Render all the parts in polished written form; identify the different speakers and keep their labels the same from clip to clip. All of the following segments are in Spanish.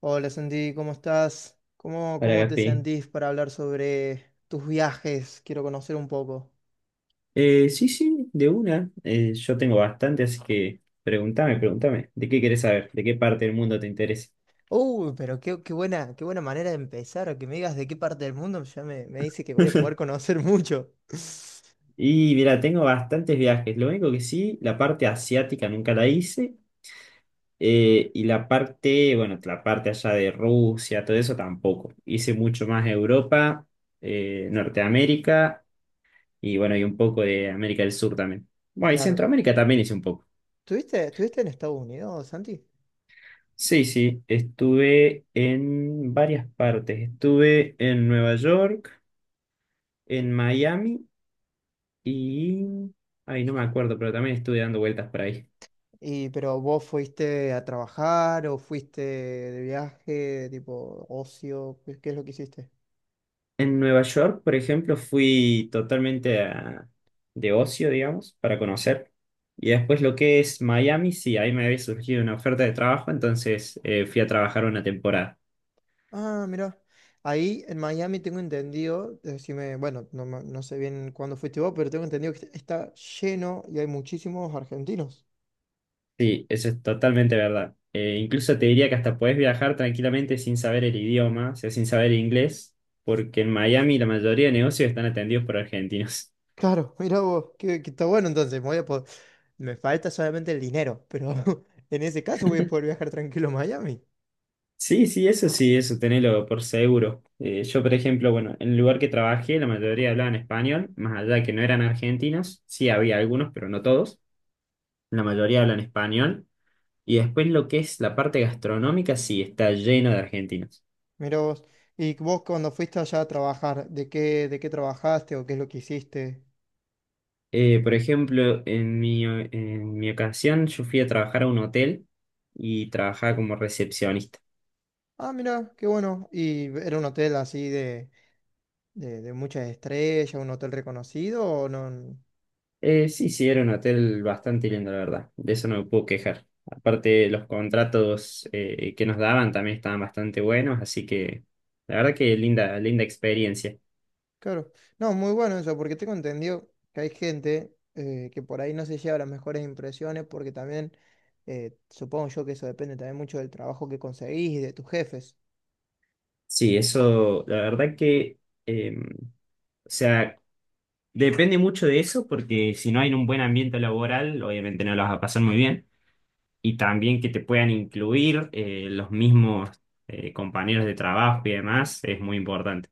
Speaker 1: Hola Sandy, ¿cómo estás? ¿Cómo,
Speaker 2: Hola,
Speaker 1: cómo te
Speaker 2: Gaspi.
Speaker 1: sentís para hablar sobre tus viajes? Quiero conocer un poco.
Speaker 2: Sí, sí, de una. Yo tengo bastante, así que pregúntame. ¿De qué querés saber? ¿De qué parte del mundo te interesa?
Speaker 1: Pero qué buena manera de empezar, que me digas de qué parte del mundo, ya me dice que voy a poder conocer mucho.
Speaker 2: Y mira, tengo bastantes viajes. Lo único que sí, la parte asiática nunca la hice. Y la parte, bueno, la parte allá de Rusia, todo eso tampoco. Hice mucho más Europa, Norteamérica y bueno, y un poco de América del Sur también. Bueno, y
Speaker 1: Claro.
Speaker 2: Centroamérica también hice un poco.
Speaker 1: ¿Estuviste en Estados Unidos, Santi?
Speaker 2: Sí, sí, estuve en varias partes. Estuve en Nueva York, en Miami y... Ay, no me acuerdo, pero también estuve dando vueltas por ahí.
Speaker 1: Y, pero vos fuiste a trabajar o fuiste de viaje, tipo ocio, ¿qué es lo que hiciste?
Speaker 2: En Nueva York, por ejemplo, de ocio, digamos, para conocer. Y después lo que es Miami, sí, ahí me había surgido una oferta de trabajo, entonces fui a trabajar una temporada.
Speaker 1: Ah, mira. Ahí en Miami tengo entendido, decime, bueno, no, no sé bien cuándo fuiste vos, pero tengo entendido que está lleno y hay muchísimos argentinos.
Speaker 2: Sí, eso es totalmente verdad. Incluso te diría que hasta podés viajar tranquilamente sin saber el idioma, o sea, sin saber inglés, porque en Miami la mayoría de negocios están atendidos por argentinos.
Speaker 1: Claro, mira vos, que está bueno entonces. Me Voy a po- Me falta solamente el dinero, pero en ese caso voy a poder viajar tranquilo a Miami.
Speaker 2: Sí, sí, eso tenelo por seguro. Yo, por ejemplo, bueno, en el lugar que trabajé, la mayoría hablaban español, más allá de que no eran argentinos, sí había algunos, pero no todos. La mayoría hablan español. Y después lo que es la parte gastronómica, sí, está lleno de argentinos.
Speaker 1: Mira vos. Y vos cuando fuiste allá a trabajar, ¿de qué trabajaste o qué es lo que hiciste?
Speaker 2: Por ejemplo, en mi ocasión yo fui a trabajar a un hotel y trabajaba como recepcionista.
Speaker 1: Ah, mira, qué bueno. ¿Y era un hotel así de muchas estrellas, un hotel reconocido o no?
Speaker 2: Sí, sí, era un hotel bastante lindo, la verdad. De eso no me puedo quejar. Aparte, los contratos que nos daban también estaban bastante buenos, así que la verdad que linda, linda experiencia.
Speaker 1: Claro. No, muy bueno eso, porque tengo entendido que hay gente que por ahí no se lleva las mejores impresiones, porque también supongo yo que eso depende también mucho del trabajo que conseguís y de tus jefes.
Speaker 2: Sí, eso, la verdad que, eh, o sea, depende mucho de eso porque si no hay un buen ambiente laboral, obviamente no lo vas a pasar muy bien. Y también que te puedan incluir, los mismos compañeros de trabajo y demás es muy importante.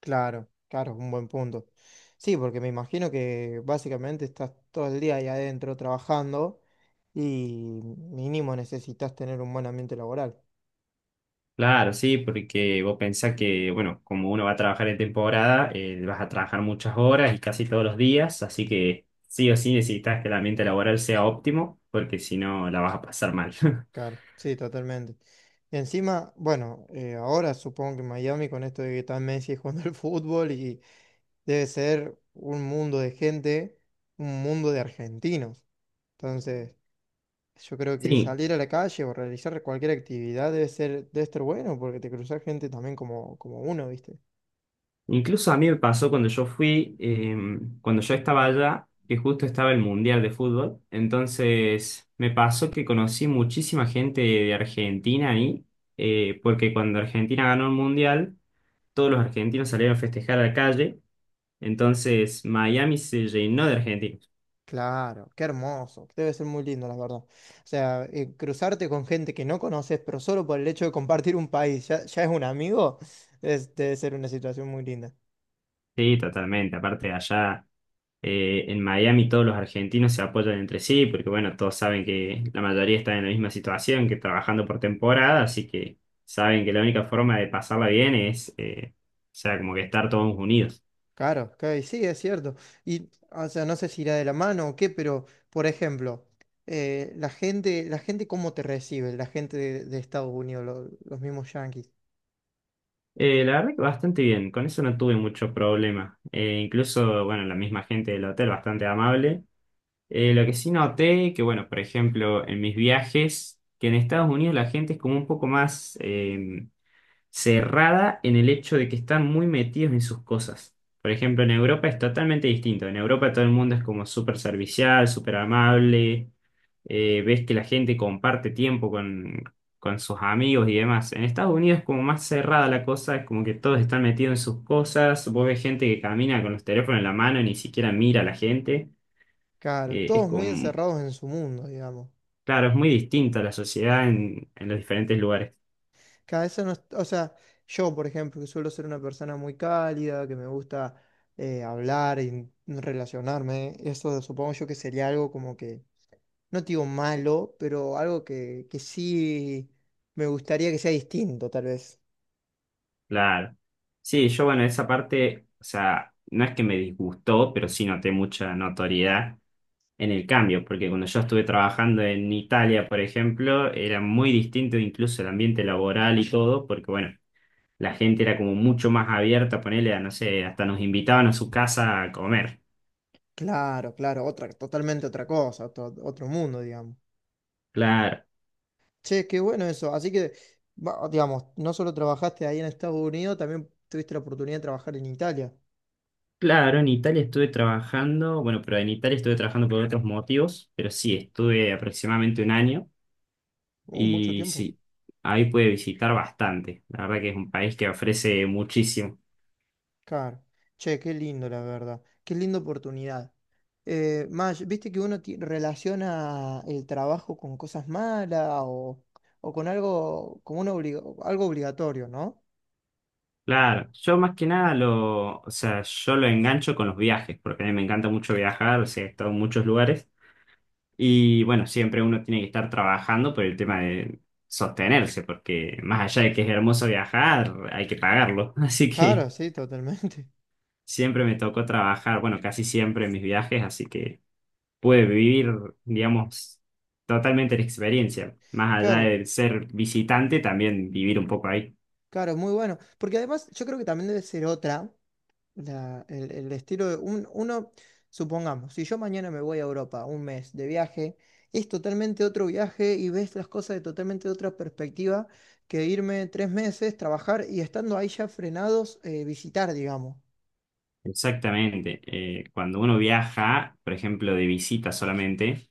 Speaker 1: Claro, claro, un buen punto. Sí, porque me imagino que básicamente estás todo el día ahí adentro trabajando y mínimo necesitas tener un buen ambiente laboral.
Speaker 2: Claro, sí, porque vos pensás que, bueno, como uno va a trabajar en temporada, vas a trabajar muchas horas y casi todos los días, así que sí o sí necesitas que el ambiente laboral sea óptimo, porque si no la vas a pasar mal.
Speaker 1: Claro, sí, totalmente. Y encima, bueno, ahora supongo que Miami con esto de que está Messi jugando al fútbol y debe ser un mundo de gente, un mundo de argentinos. Entonces, yo creo que
Speaker 2: Sí,
Speaker 1: salir a la calle o realizar cualquier actividad debe estar bueno porque te cruzas gente también como, como uno, ¿viste?
Speaker 2: incluso a mí me pasó cuando yo fui, cuando yo estaba allá, que justo estaba el Mundial de Fútbol. Entonces me pasó que conocí muchísima gente de Argentina ahí, porque cuando Argentina ganó el Mundial, todos los argentinos salieron a festejar a la calle. Entonces Miami se llenó de argentinos.
Speaker 1: Claro, qué hermoso, debe ser muy lindo, la verdad. O sea, cruzarte con gente que no conoces, pero solo por el hecho de compartir un país, ya es un amigo, debe ser una situación muy linda.
Speaker 2: Sí, totalmente. Aparte de allá. En Miami todos los argentinos se apoyan entre sí, porque bueno, todos saben que la mayoría está en la misma situación, que trabajando por temporada, así que saben que la única forma de pasarla bien es, como que estar todos unidos.
Speaker 1: Claro, ok, sí, es cierto. Y, o sea, no sé si irá de la mano o qué, pero, por ejemplo, la gente cómo te recibe, la gente de Estados Unidos, los mismos yanquis.
Speaker 2: La verdad que bastante bien, con eso no tuve mucho problema. Incluso, bueno, la misma gente del hotel, bastante amable. Lo que sí noté, que bueno, por ejemplo, en mis viajes, que en Estados Unidos la gente es como un poco más... cerrada en el hecho de que están muy metidos en sus cosas. Por ejemplo, en Europa es totalmente distinto. En Europa todo el mundo es como súper servicial, súper amable. Ves que la gente comparte tiempo con sus amigos y demás. En Estados Unidos es como más cerrada la cosa, es como que todos están metidos en sus cosas. Vos ves gente que camina con los teléfonos en la mano y ni siquiera mira a la gente.
Speaker 1: Claro,
Speaker 2: Eh, es
Speaker 1: todos muy
Speaker 2: como,
Speaker 1: encerrados en su mundo, digamos.
Speaker 2: claro, es muy distinta la sociedad en los diferentes lugares.
Speaker 1: Cada eso no, o sea, yo, por ejemplo, que suelo ser una persona muy cálida, que me gusta hablar y relacionarme, eso supongo yo que sería algo como que, no te digo malo, pero algo que sí me gustaría que sea distinto, tal vez.
Speaker 2: Claro. Sí, yo bueno, esa parte, o sea, no es que me disgustó, pero sí noté mucha notoriedad en el cambio, porque cuando yo estuve trabajando en Italia, por ejemplo, era muy distinto incluso el ambiente laboral y todo, porque bueno, la gente era como mucho más abierta, ponerle a, no sé, hasta nos invitaban a su casa a comer.
Speaker 1: Claro, claro, otra, totalmente otra cosa, otro mundo, digamos.
Speaker 2: Claro,
Speaker 1: Che, qué bueno eso. Así que, digamos, no solo trabajaste ahí en Estados Unidos, también tuviste la oportunidad de trabajar en Italia.
Speaker 2: claro, en Italia estuve trabajando, bueno, pero en Italia estuve trabajando por otros motivos, pero sí, estuve aproximadamente un año.
Speaker 1: Mucho
Speaker 2: Y
Speaker 1: tiempo.
Speaker 2: sí, ahí puede visitar bastante. La verdad que es un país que ofrece muchísimo.
Speaker 1: Claro. Che, qué lindo, la verdad. Qué linda oportunidad. Maj, ¿viste que uno relaciona el trabajo con cosas malas o con algo, como una algo obligatorio, ¿no?
Speaker 2: Claro, yo más que nada lo, o sea, yo lo engancho con los viajes, porque a mí me encanta mucho viajar, o sea, he estado en muchos lugares. Y bueno, siempre uno tiene que estar trabajando por el tema de sostenerse, porque más allá de que es hermoso viajar, hay que pagarlo. Así que
Speaker 1: Claro, sí, totalmente.
Speaker 2: siempre me tocó trabajar, bueno, casi siempre en mis viajes, así que pude vivir, digamos, totalmente la experiencia. Más allá
Speaker 1: Claro,
Speaker 2: de ser visitante, también vivir un poco ahí.
Speaker 1: claro, muy bueno. Porque además yo creo que también debe ser otra. El estilo de uno, supongamos, si yo mañana me voy a Europa un mes de viaje, es totalmente otro viaje y ves las cosas de totalmente otra perspectiva que irme 3 meses, trabajar y estando ahí ya frenados, visitar, digamos.
Speaker 2: Exactamente. Cuando uno viaja, por ejemplo, de visita solamente,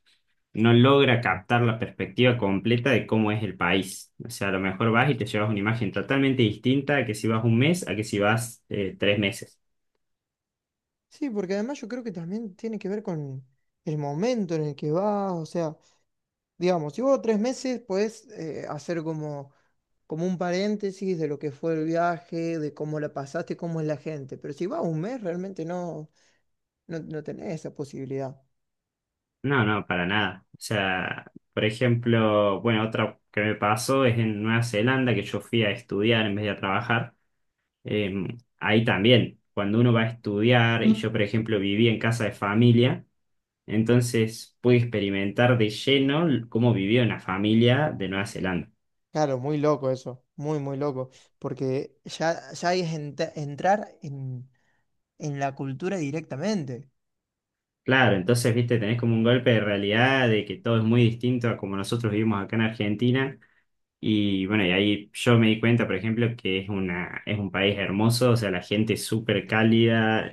Speaker 2: no logra captar la perspectiva completa de cómo es el país. O sea, a lo mejor vas y te llevas una imagen totalmente distinta a que si vas un mes, a que si vas, tres meses.
Speaker 1: Sí, porque además yo creo que también tiene que ver con el momento en el que vas, o sea, digamos, si vos 3 meses podés hacer como, como un paréntesis de lo que fue el viaje, de cómo la pasaste, cómo es la gente, pero si vas un mes realmente no, No, no tenés esa posibilidad.
Speaker 2: No, no, para nada. O sea, por ejemplo, bueno, otra que me pasó es en Nueva Zelanda, que yo fui a estudiar en vez de a trabajar. Ahí también, cuando uno va a estudiar, y yo,
Speaker 1: Mm.
Speaker 2: por ejemplo, viví en casa de familia, entonces pude experimentar de lleno l- cómo vivía una familia de Nueva Zelanda.
Speaker 1: Claro, muy loco eso, muy, muy loco, porque ya es entrar en la cultura directamente.
Speaker 2: Claro, entonces, viste, tenés como un golpe de realidad de que todo es muy distinto a como nosotros vivimos acá en Argentina. Y bueno, y ahí yo me di cuenta, por ejemplo, que es una, es un país hermoso, o sea, la gente es súper cálida.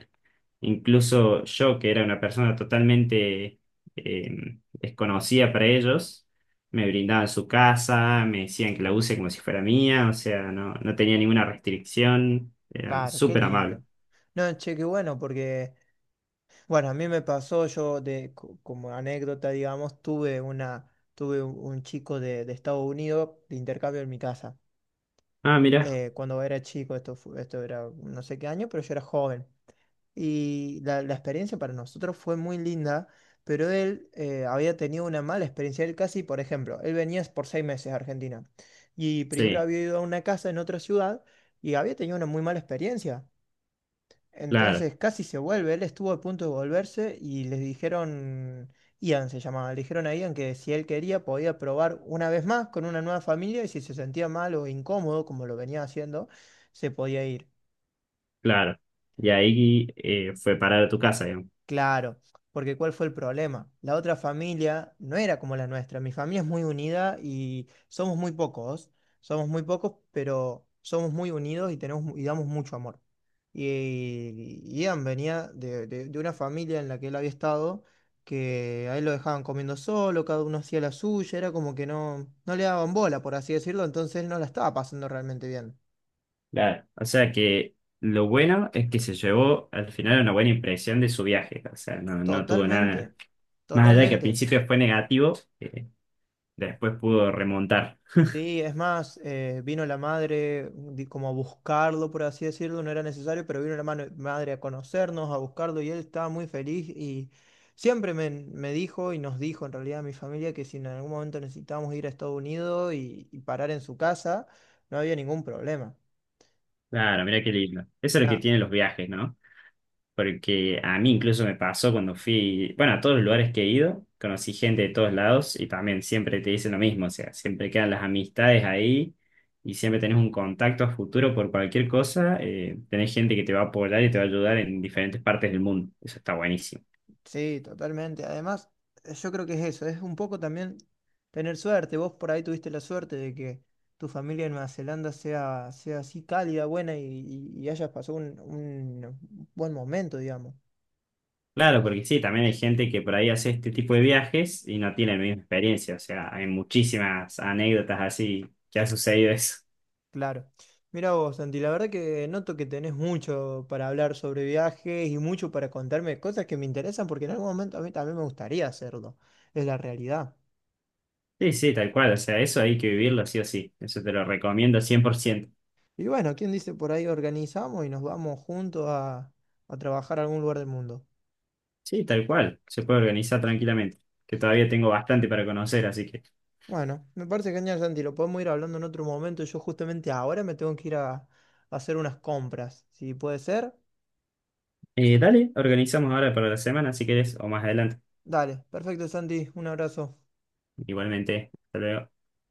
Speaker 2: Incluso yo, que era una persona totalmente desconocida para ellos, me brindaban su casa, me decían que la use como si fuera mía, o sea, no, no tenía ninguna restricción, eran
Speaker 1: Claro, qué
Speaker 2: súper amables.
Speaker 1: lindo. No, che, qué bueno, porque, bueno, a mí me pasó, yo de, como anécdota, digamos, tuve un chico de Estados Unidos de intercambio en mi casa.
Speaker 2: Ah, mira,
Speaker 1: Cuando era chico, esto, esto era no sé qué año, pero yo era joven. Y la, la experiencia para nosotros fue muy linda, pero él había tenido una mala experiencia. Él casi, por ejemplo, él venía por 6 meses a Argentina y primero
Speaker 2: sí,
Speaker 1: había ido a una casa en otra ciudad y había tenido una muy mala experiencia.
Speaker 2: claro,
Speaker 1: Entonces casi se vuelve, él estuvo a punto de volverse y les dijeron, Ian se llamaba, le dijeron a Ian que si él quería podía probar una vez más con una nueva familia y si se sentía mal o incómodo, como lo venía haciendo, se podía ir.
Speaker 2: claro. Y ahí, fue parar a tu casa, digamos.
Speaker 1: Claro, porque ¿cuál fue el problema? La otra familia no era como la nuestra. Mi familia es muy unida y somos muy pocos. Somos muy pocos, pero somos muy unidos y tenemos y damos mucho amor. Y Ian venía de, de una familia en la que él había estado, que a él lo dejaban comiendo solo, cada uno hacía la suya, era como que no, no le daban bola, por así decirlo, entonces él no la estaba pasando realmente bien.
Speaker 2: Claro, o sea que lo bueno es que se llevó al final una buena impresión de su viaje, o sea, no, no tuvo nada.
Speaker 1: Totalmente,
Speaker 2: Más allá de que al
Speaker 1: totalmente.
Speaker 2: principio fue negativo, eh, después pudo remontar.
Speaker 1: Sí, es más, vino la madre como a buscarlo, por así decirlo, no era necesario, pero vino la madre a conocernos, a buscarlo y él estaba muy feliz y me dijo y nos dijo en realidad a mi familia que si en algún momento necesitábamos ir a Estados Unidos y parar en su casa, no había ningún problema.
Speaker 2: Claro, mira qué lindo. Eso es lo que
Speaker 1: Nada.
Speaker 2: tienen los viajes, ¿no? Porque a mí incluso me pasó cuando fui, bueno, a todos los lugares que he ido, conocí gente de todos lados y también siempre te dicen lo mismo, o sea, siempre quedan las amistades ahí y siempre tenés un contacto a futuro por cualquier cosa. Tenés gente que te va a apoyar y te va a ayudar en diferentes partes del mundo. Eso está buenísimo.
Speaker 1: Sí, totalmente. Además, yo creo que es eso, es un poco también tener suerte. Vos por ahí tuviste la suerte de que tu familia en Nueva Zelanda sea así cálida, buena y, y hayas pasado un buen momento, digamos.
Speaker 2: Claro, porque sí, también hay gente que por ahí hace este tipo de viajes y no tiene la misma experiencia, o sea, hay muchísimas anécdotas así que ha sucedido eso.
Speaker 1: Claro. Mira vos, Santi, la verdad que noto que tenés mucho para hablar sobre viajes y mucho para contarme cosas que me interesan porque en algún momento a mí también me gustaría hacerlo. Es la realidad.
Speaker 2: Sí, sí, tal cual. O sea, eso hay que vivirlo sí o sí. Eso te lo recomiendo 100%.
Speaker 1: Y bueno, ¿quién dice por ahí organizamos y nos vamos juntos a trabajar a algún lugar del mundo?
Speaker 2: Sí, tal cual. Se puede organizar tranquilamente. Que todavía tengo bastante para conocer, así que.
Speaker 1: Bueno, me parece genial, Santi. Lo podemos ir hablando en otro momento. Yo justamente ahora me tengo que ir a hacer unas compras. Si puede ser.
Speaker 2: Dale, organizamos ahora para la semana si querés o más adelante.
Speaker 1: Dale, perfecto, Santi. Un abrazo.
Speaker 2: Igualmente. Hasta luego.